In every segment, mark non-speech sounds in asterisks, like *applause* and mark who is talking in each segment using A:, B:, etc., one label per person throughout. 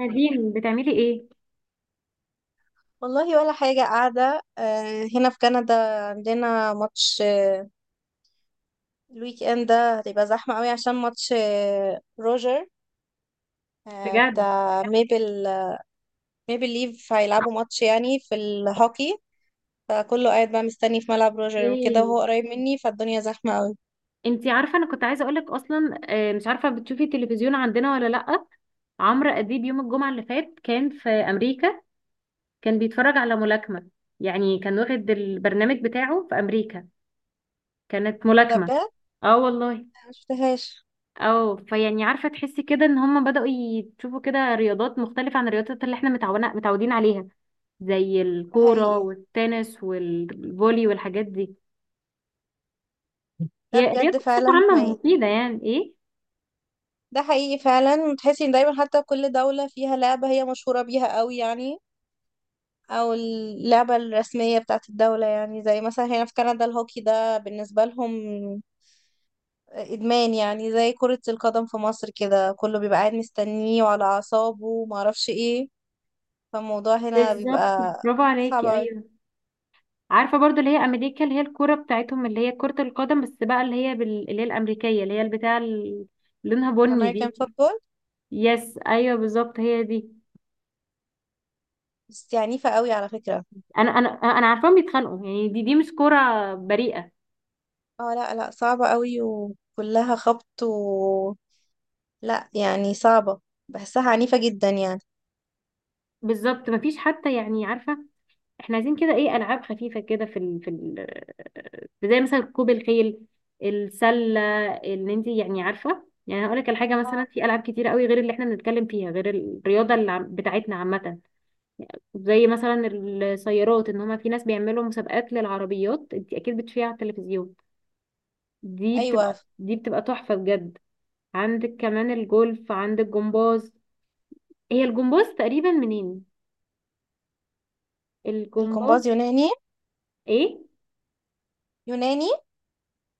A: نادين، بتعملي ايه؟
B: والله ولا حاجة قاعدة. هنا في كندا عندنا ماتش. الويك اند ده هتبقى زحمة قوي عشان ماتش روجر،
A: بجد؟
B: بتاع ميبل. ميبل ليف هيلعبوا ماتش يعني في الهوكي، فكله قاعد بقى مستني في ملعب روجر وكده،
A: ايه،
B: وهو قريب مني فالدنيا زحمة قوي.
A: انتي عارفه انا كنت عايزه اقولك اصلا، مش عارفه بتشوفي التلفزيون عندنا ولا لا. عمرو اديب يوم الجمعه اللي فات كان في امريكا، كان بيتفرج على ملاكمه. يعني كان واخد البرنامج بتاعه في امريكا، كانت
B: ده
A: ملاكمه.
B: بجد.
A: اه والله.
B: انا مشفتهاش.
A: اه، فيعني عارفه تحسي كده ان هم بداوا يشوفوا كده رياضات مختلفه عن الرياضات اللي احنا متعودين عليها، زي
B: ده
A: الكوره
B: حقيقي،
A: والتنس والفولي والحاجات دي.
B: ده
A: هي
B: بجد
A: الرياضه بصفه
B: فعلا
A: عامه
B: حقيقي.
A: مفيده يعني ايه.
B: ده حقيقي فعلا، تحسي ان دايما حتى كل دولة فيها لعبة هي مشهورة بيها قوي يعني، او اللعبة الرسمية بتاعت الدولة، يعني زي مثلا هنا في كندا الهوكي ده بالنسبة لهم ادمان، يعني زي كرة القدم في مصر كده، كله بيبقى قاعد مستنيه وعلى اعصابه وما اعرفش ايه. فالموضوع هنا
A: بالظبط،
B: بيبقى
A: برافو
B: صعب
A: عليكي،
B: قوي.
A: ايوه. عارفه برضو اللي هي امريكا اللي هي الكوره بتاعتهم اللي هي كره القدم، بس بقى اللي هي اللي هي الامريكيه اللي هي البتاع اللي لونها بني
B: الامريكان
A: دي.
B: فوتبول
A: يس ايوه بالظبط، هي دي.
B: بس عنيفة قوي على فكرة.
A: انا عارفاهم بيتخانقوا، يعني دي مش كوره بريئه.
B: اه لا لا، صعبة قوي وكلها خبط و لا يعني صعبة، بحسها عنيفة جدا يعني.
A: بالظبط، مفيش حتى، يعني عارفه احنا عايزين كده ايه، العاب خفيفه كده في زي مثلا ركوب الخيل، السله. اللي انت يعني عارفه، يعني هقول لك الحاجه، مثلا
B: اه.
A: في العاب كتير قوي غير اللي احنا بنتكلم فيها غير الرياضه اللي بتاعتنا عامه. زي مثلا السيارات، ان هما في ناس بيعملوا مسابقات للعربيات، انت اكيد بتشوفيها على التلفزيون، دي
B: ايوه.
A: بتبقى دي بتبقى تحفة بجد. عندك كمان الجولف، عندك جمباز. هي الجمباز تقريبا منين؟
B: الجمباز
A: الجمباز.
B: يوناني.
A: ايه؟
B: يوناني.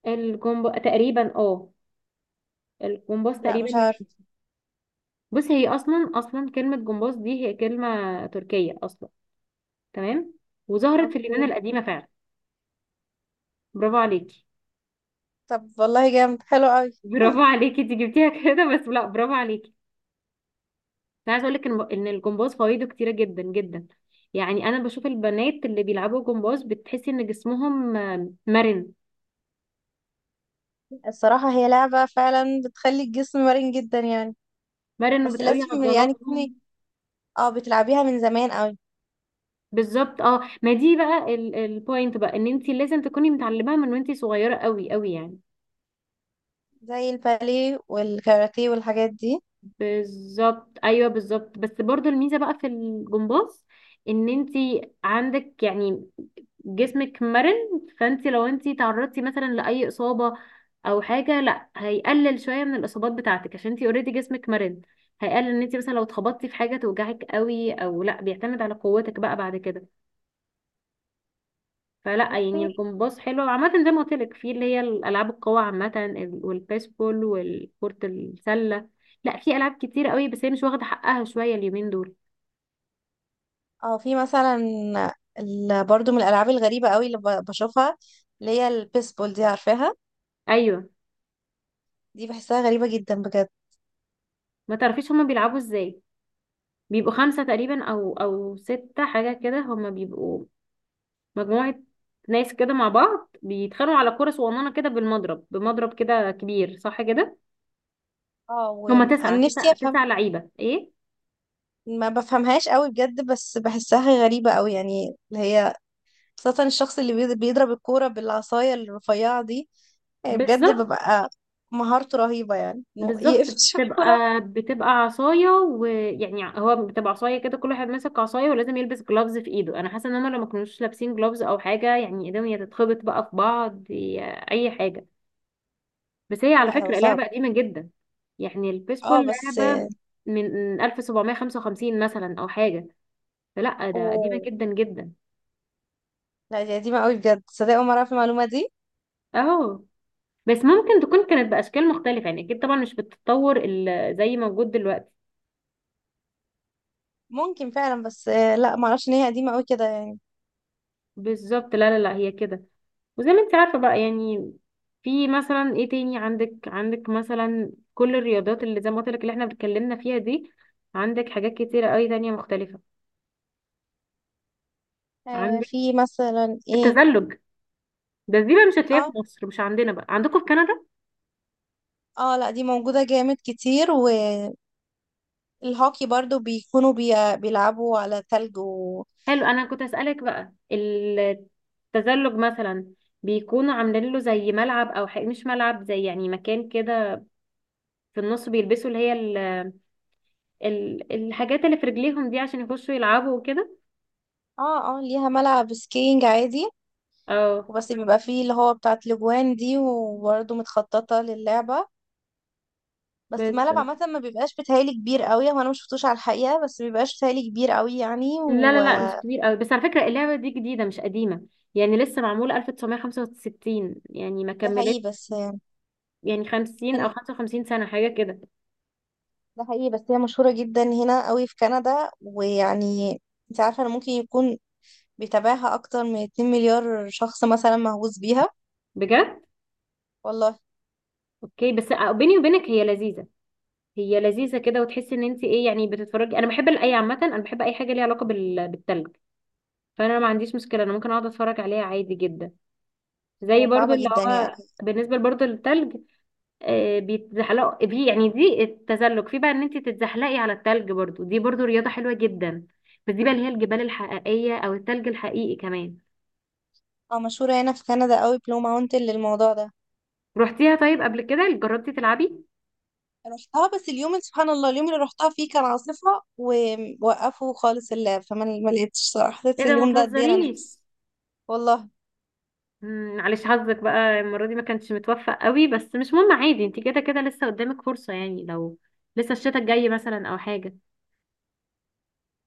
A: الجمب تقريبا اه الجمباز
B: لا
A: تقريبا
B: مش
A: يوناني.
B: عارفة.
A: بص، هي اصلا كلمة جمباز دي هي كلمة تركية اصلا. تمام، وظهرت في اليونان
B: اوكي.
A: القديمة فعلا. برافو عليكي.
B: طب والله جامد، حلو قوي.
A: *laughs* برافو عليكي انت جبتيها كده، بس لا برافو عليكي. انا عايزه اقول لك ان الجمباز فوائده كتيره جدا جدا. يعني انا بشوف البنات اللي بيلعبوا جمباز بتحسي ان جسمهم مرن.
B: الصراحة هي لعبة فعلا بتخلي الجسم مرن جدا يعني.
A: مرن
B: بس
A: وبتقوي
B: لازم يعني تكوني،
A: عضلاتهم.
B: اه، بتلعبيها من زمان قوي.
A: بالظبط اه، ما دي بقى البوينت بقى، ان انت لازم تكوني متعلماها من وانت صغيره قوي قوي يعني.
B: زي الباليه والكاراتيه والحاجات دي.
A: بالظبط ايوه بالظبط، بس برضو الميزه بقى في الجمباز ان انت عندك، يعني، جسمك مرن. فانت لو انت تعرضتي مثلا لاي اصابه او حاجه، لا هيقلل شويه من الاصابات بتاعتك عشان انت اوريدي جسمك مرن. هيقلل ان انت مثلا لو اتخبطتي في حاجه توجعك قوي او لا، بيعتمد على قوتك بقى بعد كده. فلا
B: بصي.
A: يعني الجمباز حلو عامة، زي ما قلت لك، في اللي هي الألعاب القوى عامة والبيسبول والكرة السلة. لا، في ألعاب كتير قوي بس هي مش واخدة حقها شوية اليومين دول.
B: اه في مثلا، برضو من الألعاب الغريبة قوي اللي بشوفها، اللي هي البيسبول دي عارفاها.
A: أيوة.
B: دي بحسها غريبة جدا بجد.
A: ما تعرفيش هما بيلعبوا ازاي؟ بيبقوا خمسة تقريبا أو ستة حاجة كده، هما بيبقوا مجموعة ناس كده مع بعض بيتخانقوا على كرة صغننة كده، بمضرب كده كبير، صح كده.
B: اه
A: هما
B: وانا
A: تسعة
B: نفسي
A: تسعة
B: افهم،
A: تسعة لعيبة، ايه.
B: ما بفهمهاش قوي بجد، بس بحسها غريبة قوي يعني، اللي هي خاصة الشخص اللي بيضرب الكورة بالعصاية الرفيعة دي. يعني بجد
A: بالظبط
B: ببقى مهارته رهيبة، يعني إنه
A: بالظبط،
B: يقفش *laughs* الكورة.
A: بتبقى عصاية، ويعني هو بتبقى عصاية كده، كل واحد ماسك عصاية، ولازم يلبس جلافز في ايده. انا حاسة ان هما لو ما كانوش لابسين جلافز او حاجة، يعني ايديهم يا تتخبط بقى في بعض يا اي حاجة. بس هي على
B: لا هو
A: فكرة
B: صعب.
A: لعبة قديمة جدا، يعني
B: اه
A: البيسبول
B: بس.
A: لعبة من 1755 مثلا او حاجة، فلا ده قديمة
B: اوه.
A: جدا جدا.
B: لا دي قديمة قوي بجد، صدق أول مرة أعرف المعلومة دي.
A: اهو. بس ممكن تكون كانت بأشكال مختلفة، يعني اكيد طبعا مش بالتطور زي موجود دلوقتي.
B: ممكن فعلا بس لا معرفش إن هي قديمة قوي كده يعني.
A: بالظبط لا لا لا، هي كده، وزي ما انت عارفة بقى يعني، في مثلا ايه تاني؟ عندك مثلا كل الرياضات اللي زي ما قلت لك اللي احنا اتكلمنا فيها دي. عندك حاجات كتيرة قوي تانية مختلفة.
B: آه
A: عندك
B: في مثلا ايه.
A: التزلج. دي بقى مش هتلاقيها في
B: اه
A: مصر، مش عندنا بقى، عندكم في كندا.
B: اه لا دي موجودة جامد كتير. والهوكي برضو بيكونوا بيلعبوا على تلج و
A: حلو، انا كنت هسألك بقى التزلج مثلا، بيكونوا عاملين له زي ملعب، او حق، مش ملعب، زي يعني مكان كده في النص، بيلبسوا اللي هي الحاجات اللي في رجليهم دي عشان يخشوا يلعبوا وكده.
B: اه اه ليها ملعب سكينج عادي،
A: اه
B: وبس بيبقى فيه اللي هو بتاعت الاجوان دي، وبرضه متخططة للعبة. بس
A: بس.
B: الملعب عامة ما بيبقاش بيتهيألي كبير قوي، هو انا ما شفتوش على الحقيقة، بس ما بيبقاش بيتهيألي كبير قوي يعني
A: لا لا لا، مش
B: وده
A: كبير قوي. بس على فكرة اللعبة دي جديدة مش قديمة، يعني لسه معمولة 1965، يعني ما كملت
B: حقيقي بس يعني.
A: يعني 50 او
B: كان-
A: 55 سنة حاجة كده.
B: ده حقيقي، بس هي مشهورة جدا هنا قوي في كندا ويعني، انت عارفة انا ممكن يكون بيتابعها اكتر من 2 مليار شخص مثلا مهووس بيها.
A: بجد؟
B: والله.
A: اوكي، بس بيني وبينك هي لذيذة. هي لذيذة كده، وتحسي ان انت ايه، يعني بتتفرجي. انا بحب الاي عامة، انا بحب اي حاجة ليها علاقة بالتلج. فانا ما عنديش مشكلة، انا ممكن اقعد اتفرج عليها عادي جدا. زي
B: هي
A: برضو
B: صعبة
A: اللي
B: جدا
A: هو
B: يعني.
A: بالنسبة برضو للتلج، بيتزحلقوا دي، يعني دي التزلج في بقى ان انت تتزحلقي على التلج، برضو دي برضو رياضة حلوة جدا. بس دي بقى اللي هي الجبال الحقيقية او التلج الحقيقي كمان.
B: اه مشهورة هنا في كندا قوي، بلو ماونتن للموضوع ده.
A: روحتيها طيب قبل كده، جربتي تلعبي؟
B: رحتها، بس سبحان الله، اليوم اللي رحتها فيه كان عاصفة ووقفوا خالص اللعب، فما ما لقيتش صراحة،
A: ايه
B: حسيت
A: ده، ما
B: اليوم ده قد ايه انا نفسي.
A: تهزريش.
B: والله.
A: معلش، حظك بقى المرة دي ما كانش متوفق قوي، بس مش مهم عادي، انت كده كده لسه قدامك فرصة، يعني لو لسه الشتاء الجاي مثلا او حاجة.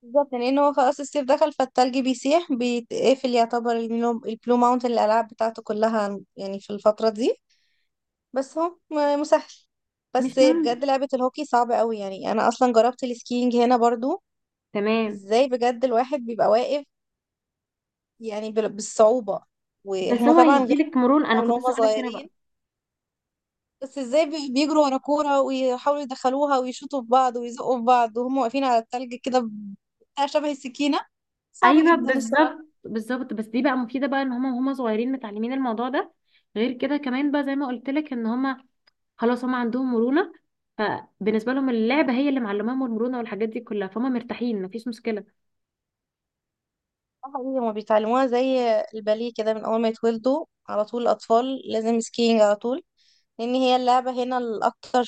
B: بالظبط، لان هو خلاص الصيف دخل فالتلج بيسيح، بيتقفل يعتبر البلو ماونتن الالعاب بتاعته كلها يعني في الفتره دي. بس هو مسهل. بس
A: مش مهم،
B: بجد لعبه الهوكي صعبه قوي يعني، انا اصلا جربت السكينج هنا برضو.
A: تمام.
B: ازاي بجد الواحد بيبقى واقف يعني بالصعوبه،
A: بس
B: وهما
A: هو
B: طبعا غير
A: هيديلك مرونة، انا
B: من
A: كنت لسه
B: هما
A: هقولك هنا بقى.
B: صغيرين. بس ازاي بيجروا ورا كوره ويحاولوا يدخلوها ويشوطوا في بعض ويزقوا في بعض وهم واقفين على التلج كده، بتاع شبه السكينه. صعب
A: ايوه
B: جدا الصراحه.
A: بالظبط بالظبط، بس دي بقى مفيده بقى ان هما وهما صغيرين متعلمين الموضوع ده. غير كده كمان بقى زي ما قلت لك ان هما، خلاص هما عندهم مرونه. فبالنسبه لهم اللعبه هي اللي معلماهم المرونه والحاجات دي كلها، فهم مرتاحين، مفيش مشكله.
B: اه حقيقي، هما بيتعلموها زي الباليه كده، من اول ما يتولدوا على طول الاطفال لازم سكينج على طول، لان هي اللعبه هنا الاكتر،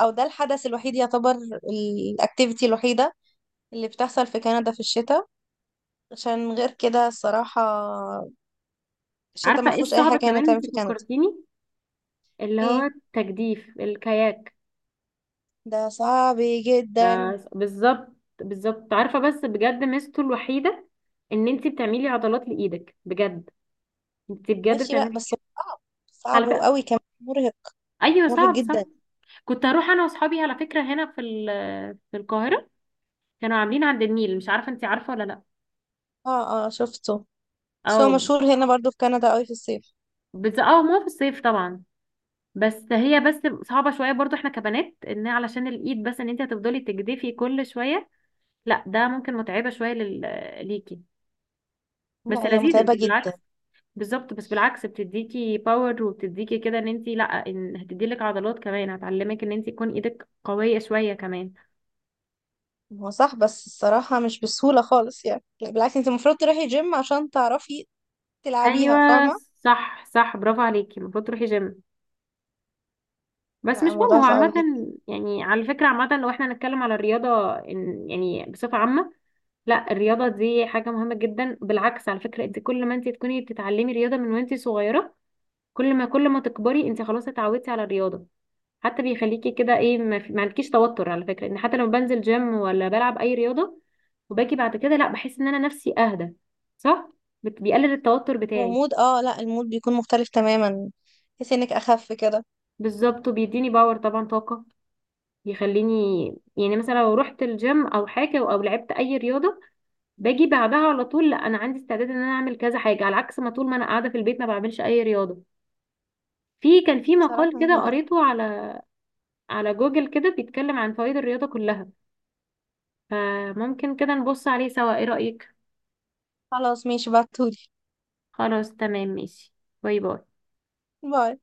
B: او ده الحدث الوحيد يعتبر، الاكتيفيتي الوحيده اللي بتحصل في كندا في الشتاء، عشان غير كده الصراحه الشتاء ما
A: عارفه ايه
B: فيهوش اي
A: الصعب
B: حاجه هنا
A: كمان؟
B: تعمل
A: انت
B: في كندا.
A: فكرتيني اللي هو
B: ايه.
A: التجديف، الكاياك
B: ده صعب
A: ده.
B: جدا.
A: بالظبط، بالظبط عارفه، بس بجد ميزته الوحيده ان انت بتعملي عضلات لايدك بجد، انت بجد
B: ماشي بقى.
A: بتعملي
B: بس صعب، صعب
A: على فكره.
B: وقوي كمان، مرهق.
A: ايوه
B: مرهق
A: صعب صح.
B: جدا.
A: كنت هروح انا واصحابي على فكره هنا في في القاهره، كانوا عاملين عند النيل، مش عارفه انت عارفه ولا لا.
B: اه اه شفته، بس هو
A: او،
B: مشهور هنا برضو في كندا قوي في الصيف.
A: بس اه ما هو في الصيف طبعا. بس هي بس صعبه شويه برضو احنا كبنات، ان علشان الايد بس، ان انت هتفضلي تجدفي كل شويه، لا ده ممكن متعبه شويه ليكي.
B: لا
A: بس
B: هي
A: لذيذ، انت
B: متعبه جدا.
A: بالعكس. بالظبط، بس بالعكس بتديكي باور وبتديكي كده ان انت، لا، ان هتديلك عضلات كمان، هتعلمك ان انت تكون ايدك قويه شويه كمان.
B: هو صح، بس الصراحة مش بالسهولة خالص يعني، لا، بالعكس، انت المفروض تروحي جيم عشان تعرفي تلعبيها،
A: ايوه
B: فاهمة.
A: صح صح، برافو عليكي، المفروض تروحي جيم، بس
B: لا
A: مش مهم
B: الموضوع
A: هو
B: صعب
A: عامة.
B: جدا.
A: يعني على فكرة عامة لو احنا هنتكلم على الرياضة، يعني بصفة عامة، لا الرياضة دي حاجة مهمة جدا، بالعكس على فكرة، انت كل ما انت تكوني بتتعلمي رياضة من وانت صغيرة، كل ما تكبري انت خلاص اتعودتي على الرياضة. حتى بيخليكي كده ايه، ما عندكيش توتر على فكرة، ان حتى لما بنزل جيم ولا بلعب اي رياضة وباجي بعد كده، لا بحس ان انا نفسي اهدى، صح. بيقلل التوتر بتاعي.
B: ومود، اه لا، المود بيكون مختلف تماما، تحسي انك اخف كده.
A: بالظبط، وبيديني باور طبعا، طاقة، يخليني، يعني مثلا لو رحت الجيم او حاجه او لعبت اي رياضه، باجي بعدها على طول، لا انا عندي استعداد ان انا اعمل كذا حاجه، على عكس ما طول ما انا قاعده في البيت ما بعملش اي رياضه. كان في
B: صراحة
A: مقال
B: أنا
A: كده
B: هاجي.
A: قريته على جوجل كده بيتكلم عن فوائد الرياضه كلها، فممكن كده نبص عليه سوا، ايه رايك؟
B: خلاص ماشي، بعتولي.
A: خلاص تمام ماشي. باي باي.
B: باي. *laughs*